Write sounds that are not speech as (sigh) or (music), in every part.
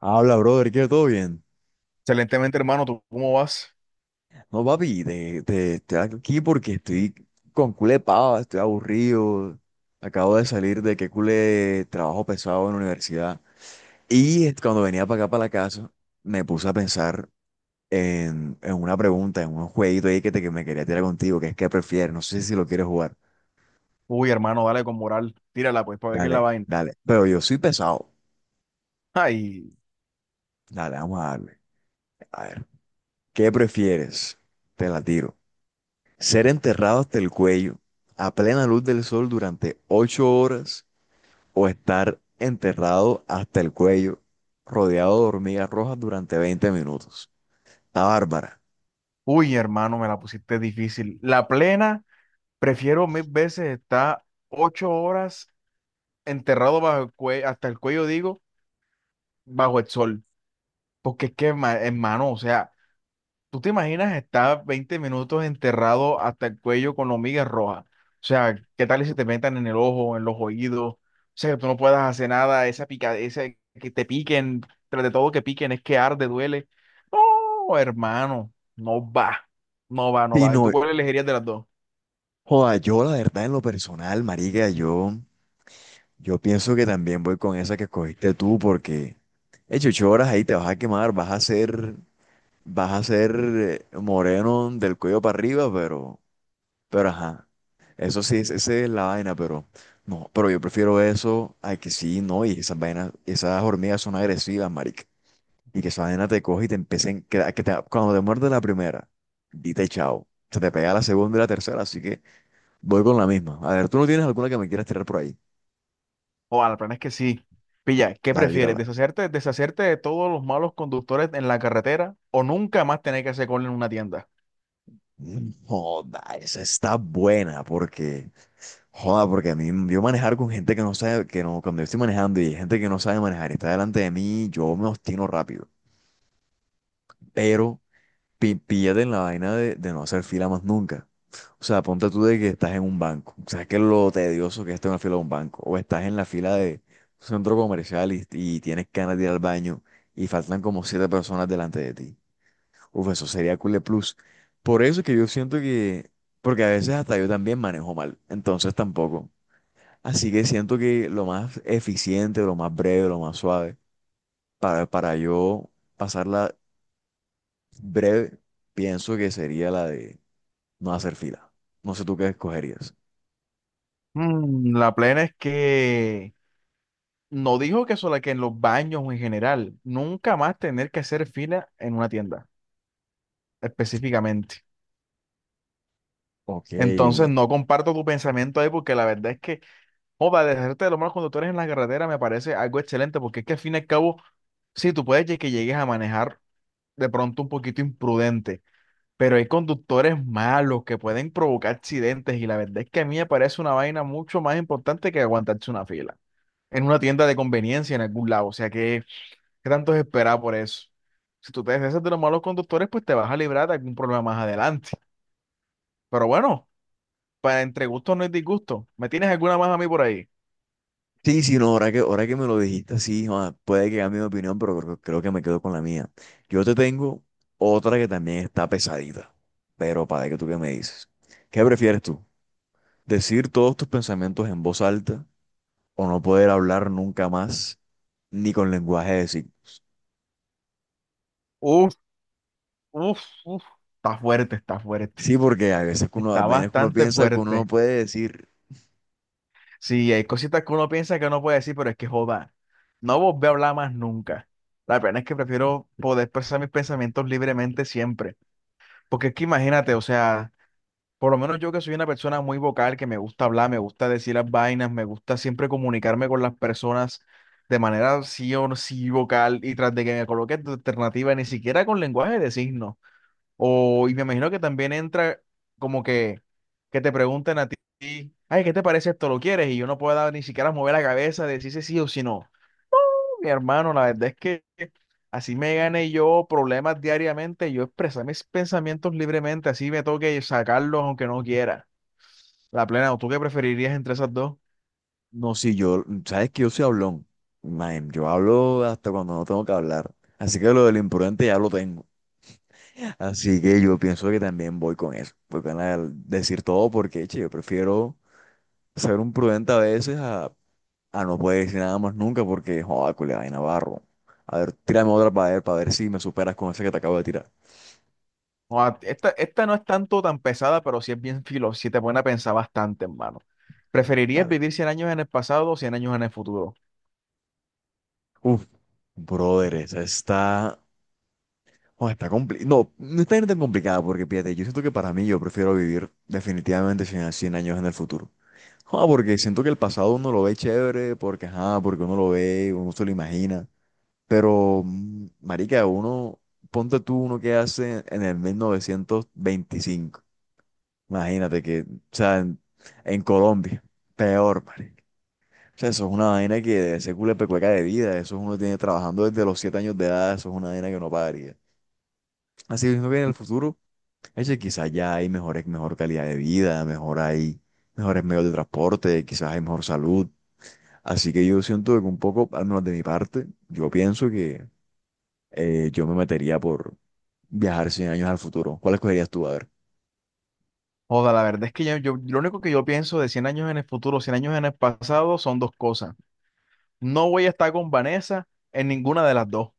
Habla, brother, que todo bien. Excelentemente, hermano, ¿tú cómo vas? No, papi, estoy aquí porque estoy con culé pava, estoy aburrido. Acabo de salir de que culé trabajo pesado en la universidad. Cuando venía para acá, para la casa, me puse a pensar en una pregunta, en un jueguito ahí que me quería tirar contigo, que es que prefieres. No sé si lo quieres jugar. Uy, hermano, dale con moral. Tírala, pues, para ver qué es la Dale, vaina. dale. Pero yo soy pesado. Ay, Dale, vamos a darle. A ver, ¿qué prefieres? Te la tiro. Ser enterrado hasta el cuello a plena luz del sol durante ocho horas o estar enterrado hasta el cuello rodeado de hormigas rojas durante 20 minutos. Está bárbara. uy, hermano, me la pusiste difícil. La plena, prefiero mil veces estar 8 horas enterrado bajo el cuello, hasta el cuello, digo, bajo el sol. Porque es que, hermano, o sea, ¿tú te imaginas estar 20 minutos enterrado hasta el cuello con hormigas rojas? O sea, ¿qué tal si te metan en el ojo, en los oídos? O sea, que tú no puedas hacer nada, esa pica, esa que te piquen, tras de todo que piquen, es que arde, duele. No, hermano, no va, no va, no Y va. ¿Y tú no, cuál elegirías de las dos? joda, yo la verdad en lo personal, marica, yo pienso que también voy con esa que escogiste tú porque hecho ocho horas ahí te vas a quemar, vas a ser moreno del cuello para arriba, pero ajá, eso sí, esa es la vaina, pero no, pero yo prefiero eso a que sí, no, y esas vainas, esas hormigas son agresivas, marica. Y que esa vaina te coge y te empiecen, cuando te muerde la primera, dite chao. Se te pega la segunda y la tercera, así que voy con la misma. A ver, ¿tú no tienes alguna que me quieras tirar por ahí? O al plan es que sí. Pilla, ¿qué Dale, prefieres? tírala. ¿Deshacerte de todos los malos conductores en la carretera o nunca más tener que hacer cola en una tienda? Joda, esa está buena, porque, joda, porque a mí, yo manejar con gente que no sabe, que no, cuando yo estoy manejando y hay gente que no sabe manejar y está delante de mí, yo me obstino rápido. Pero píllate en la vaina de no hacer fila más nunca. O sea, ponte tú de que estás en un banco. ¿Sabes qué es lo tedioso que es estar en la fila de un banco? O estás en la fila de un centro comercial y tienes ganas de ir al baño y faltan como siete personas delante de ti. Uf, eso sería Cule Plus. Por eso es que yo siento que, porque a veces hasta yo también manejo mal, entonces tampoco. Así que siento que lo más eficiente, lo más breve, lo más suave, para yo pasarla breve, pienso que sería la de no hacer fila. No sé tú qué escogerías. La plena es que no dijo que solo que en los baños o en general, nunca más tener que hacer fila en una tienda, específicamente. Ok. Entonces no comparto tu pensamiento ahí porque la verdad es que, joda, dejarte de los malos conductores en la carretera me parece algo excelente porque es que al fin y al cabo, sí, tú puedes que llegues a manejar de pronto un poquito imprudente, pero hay conductores malos que pueden provocar accidentes y la verdad es que a mí me parece una vaina mucho más importante que aguantarse una fila en una tienda de conveniencia en algún lado. O sea que... ¿Qué tanto es esperar por eso? Si tú te deshaces de los malos conductores, pues te vas a librar de algún problema más adelante. Pero bueno, para entre gustos no hay disgusto. ¿Me tienes alguna más a mí por ahí? Sí, sí, no, ahora que me lo dijiste así, joda, puede que cambie mi opinión, pero creo que me quedo con la mía. Yo te tengo otra que también está pesadita, pero para que tú qué me dices. ¿Qué prefieres tú? ¿Decir todos tus pensamientos en voz alta o no poder hablar nunca más ni con lenguaje de signos? Uf, uf, uf. Está fuerte, está fuerte. Sí, porque a Está veces que uno bastante piensa que uno no fuerte. puede decir. Sí, hay cositas que uno piensa que no puede decir, pero es que joda. No volví a hablar más nunca. La pena es que prefiero poder expresar mis pensamientos libremente siempre. Porque es que imagínate, o sea. Por lo menos yo que soy una persona muy vocal, que me gusta hablar, me gusta decir las vainas, me gusta siempre comunicarme con las personas de manera sí o sí vocal y tras de que me coloque tu alternativa, ni siquiera con lenguaje de signos. O, y me imagino que también entra como que te pregunten a ti, ay, ¿qué te parece esto? ¿Lo quieres? Y yo no puedo ni siquiera mover la cabeza, decir si sí o si no. Mi hermano, la verdad es que así me gane yo problemas diariamente, yo expresar mis pensamientos libremente, así me toque sacarlos aunque no quiera. La plena, ¿o ¿tú qué preferirías entre esas dos? No, sí, yo, sabes que yo soy hablón. Man, yo hablo hasta cuando no tengo que hablar. Así que lo del imprudente ya lo tengo. (laughs) Así que yo pienso que también voy con eso. Voy con la del decir todo porque, che, yo prefiero ser un prudente a veces a no poder decir nada más nunca porque, joder, culia, vaina barro. A ver, tírame otra para ver si me superas con esa que te acabo de tirar. Esta no es tanto tan pesada, pero sí es bien (laughs) filo, sí te pone a pensar bastante, hermano. ¿Preferirías Dale. vivir 100 años en el pasado o 100 años en el futuro? Uf, brother, esa está. Oh, no, no está tan complicada porque, fíjate, yo siento que para mí yo prefiero vivir definitivamente 100 a años en el futuro. Ah, porque siento que el pasado uno lo ve chévere, porque, ajá, porque uno lo ve, uno se lo imagina. Pero, marica, uno, ponte tú uno que hace en el 1925. Imagínate que, o sea, en Colombia, peor, marica. O sea, eso es una vaina que debe ser culepecueca de vida. Eso uno tiene trabajando desde los 7 años de edad. Eso es una vaina que no pagaría. Así que siento que en el futuro. Ese quizás ya hay mejores, mejor calidad de vida, mejor hay mejores medios de transporte, quizás hay mejor salud. Así que yo siento que un poco, al menos de mi parte, yo pienso que yo me metería por viajar cien años al futuro. ¿Cuál escogerías tú? A ver. Joda, la verdad es que yo lo único que yo pienso de 100 años en el futuro, 100 años en el pasado son dos cosas. No voy a estar con Vanessa en ninguna de las dos.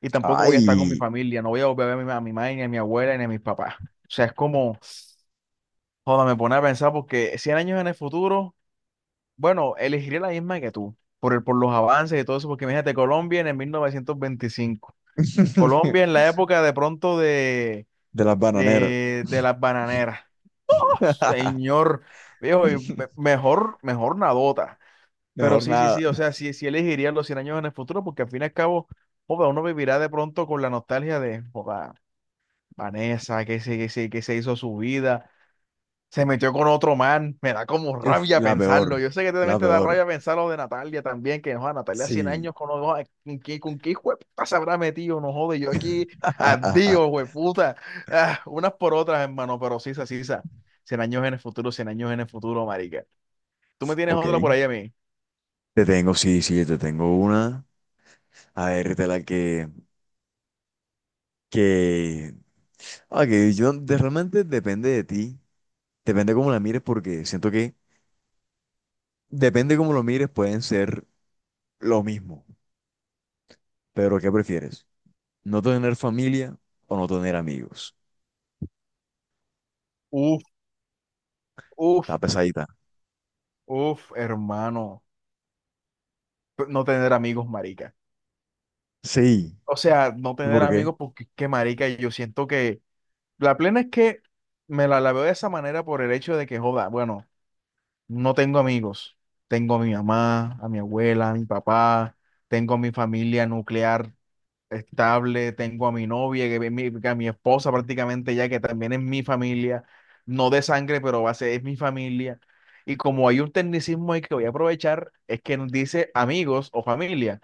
Y tampoco voy a estar con mi ¡Ay! familia, no voy a volver a ver a mi madre, ni a mi abuela, ni a mis papás. O sea, es como, joda, me pone a pensar porque 100 años en el futuro. Bueno, elegiría la misma que tú, por los avances y todo eso, porque imagínate, Colombia en el 1925 Colombia en (laughs) la época de pronto de, De las bananeras. de, de las bananeras. (laughs) ¡Oh, (laughs) señor, viejo, y mejor, mejor nadota. Pero Mejor sí, sí, nada. sí, o sea, sí, sí elegiría los 100 años en el futuro, porque al fin y al cabo, joda, uno vivirá de pronto con la nostalgia de, joda, Vanessa, que se hizo su vida, se metió con otro man. Me da como Uf, rabia la peor. pensarlo. Yo sé que La también te da peor. rabia pensar lo de Natalia también, que no, Natalia 100 Sí. años con los dos. ¿Con qué hijo de puta se habrá metido? No jode, yo aquí, adiós, (laughs) hueputa. Ah, unas por otras, hermano, pero sí, sí, sí. 100 años en el futuro, 100 años en el futuro, marica. ¿Tú me tienes Ok. otra por ahí a mí? Te tengo, sí, sí, te tengo una. A ver, de la que ok, realmente depende de ti, depende cómo la mires, porque siento que depende cómo lo mires, pueden ser lo mismo. Pero ¿qué prefieres? ¿No tener familia o no tener amigos? Uf, uf, Está pesadita. uf, hermano. No tener amigos, marica. Sí. O sea, no ¿Y tener por qué? amigos porque es que, marica, yo siento que la plena es que me la veo de esa manera por el hecho de que, joda, bueno, no tengo amigos. Tengo a mi mamá, a mi abuela, a mi papá, tengo a mi familia nuclear estable, tengo a mi novia, que a mi esposa prácticamente ya, que también es mi familia, no de sangre, pero va a ser, es mi familia. Y como hay un tecnicismo ahí que voy a aprovechar, es que nos dice amigos o familia,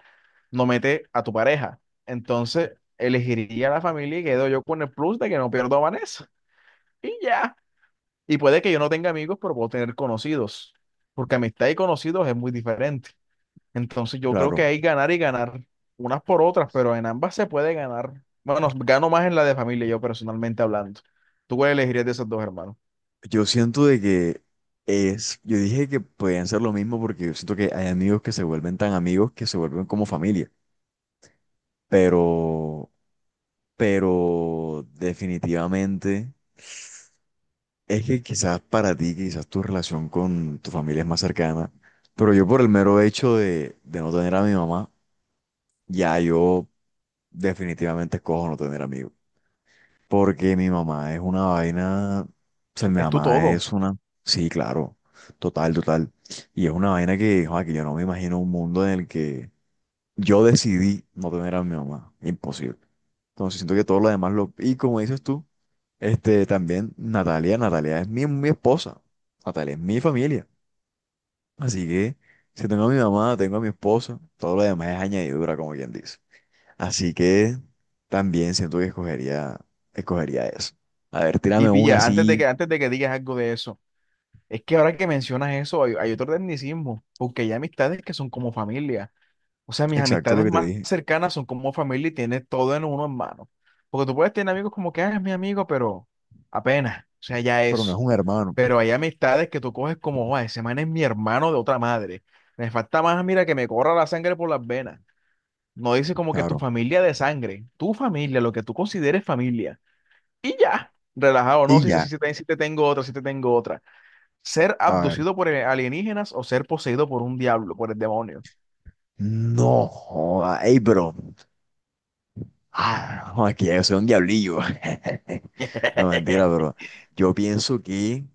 no mete a tu pareja. Entonces, elegiría la familia y quedo yo con el plus de que no pierdo a Vanessa y ya. Y puede que yo no tenga amigos, pero puedo tener conocidos, porque amistad y conocidos es muy diferente. Entonces yo creo que Claro. hay ganar y ganar, unas por otras, pero en ambas se puede ganar. Bueno, gano más en la de familia, yo personalmente hablando. ¿Tú cuál elegirías de esos dos, hermano? Yo siento de que es, yo dije que podían ser lo mismo porque yo siento que hay amigos que se vuelven tan amigos que se vuelven como familia. Pero, pero definitivamente. Es que quizás para ti, quizás tu relación con tu familia es más cercana, pero yo por el mero hecho de no tener a mi mamá, ya yo definitivamente escojo no tener amigos. Porque mi mamá es una vaina, o sea, mi Es tu mamá todo. es una, sí, claro, total, total. Y es una vaina que, joa, que yo no me imagino un mundo en el que yo decidí no tener a mi mamá. Imposible. Entonces siento que todo lo demás lo... Y como dices tú, este, también Natalia es mi esposa. Natalia es mi familia. Así que si tengo a mi mamá, tengo a mi esposa, todo lo demás es añadidura, como quien dice. Así que también siento que escogería eso. A ver, Y tírame una pilla, antes de así, que, antes de que digas algo de eso, es que ahora que mencionas eso, hay otro tecnicismo, porque hay amistades que son como familia. O sea, mis exacto lo amistades que te más dije. cercanas son como familia y tiene todo en uno en mano. Porque tú puedes tener amigos como que, ah, es mi amigo, pero apenas, o sea, ya Pero no eso. es un hermano, Pero hay amistades que tú coges como, "Guau, ese man es mi hermano de otra madre. Me falta más, mira, que me corra la sangre por las venas. No dice como que tu claro. familia de sangre, tu familia, lo que tú consideres familia. Y ya, relajado, no, Y si, si, ya, si, si te tengo otra, si te tengo otra. Ser a ver. abducido por alienígenas o ser poseído por un diablo, por el demonio. No, joda, ey, bro. Ah, no, aquí yo soy un diablillo. (laughs) No, mentira, (laughs) pero yo pienso que,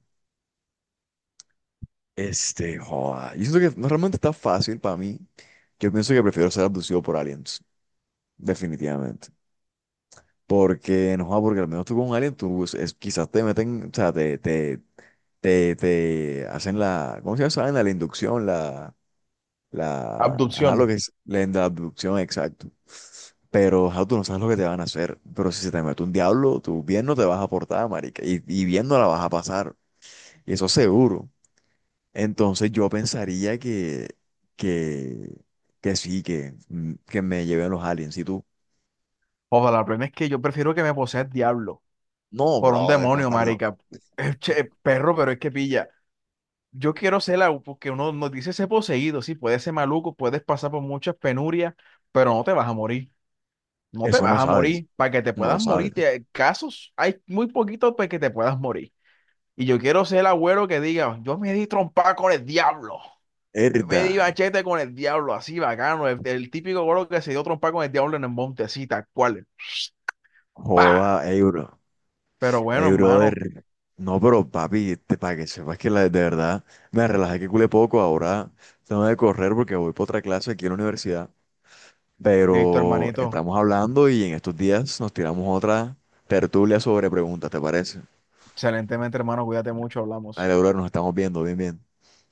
este, joda, yo siento que no realmente está fácil para mí. Yo pienso que prefiero ser abducido por aliens, definitivamente. Porque, no, joda, porque al menos tú con un alien, quizás te meten, o sea, te hacen la, ¿cómo se llama esa vaina? La inducción, la... la, ajá, lo Abducción. que es la abducción, exacto. Pero, ajá, tú no sabes lo que te van a hacer. Pero si se te mete un diablo, tú bien no te vas a portar, marica. Y bien no la vas a pasar. Y eso seguro. Entonces yo pensaría que, que sí, que, que me lleven los aliens. Y tú, Ojalá, la plena es que yo prefiero que me posea el diablo no, por un bro, de demonio, costas loco. marica. Che, perro, pero es que pilla. Yo quiero ser la, porque uno nos dice ser poseído, sí, puedes ser maluco, puedes pasar por muchas penurias, pero no te vas a morir. No te Eso no vas a sabes. morir. Para que te No lo puedas sabes. morir, casos hay muy poquitos para que te puedas morir. Y yo quiero ser el agüero que diga, yo me di trompada con el diablo. Yo me Herda. di machete con el diablo, así bacano. El típico agüero que se dio trompada con el diablo en el monte, así, tal cual. ¡Pa! Joda, euro. Pero bueno, Ey, hermano. brother. No, pero papi, te, para que sepas que la, de verdad me relajé que culé poco. Ahora tengo que correr porque voy para otra clase aquí en la universidad. Listo, Pero hermanito. estamos hablando y en estos días nos tiramos otra tertulia sobre preguntas, ¿te parece? Excelentemente, hermano. Cuídate mucho. Hablamos. Dale, brother, nos estamos viendo. Bien, bien.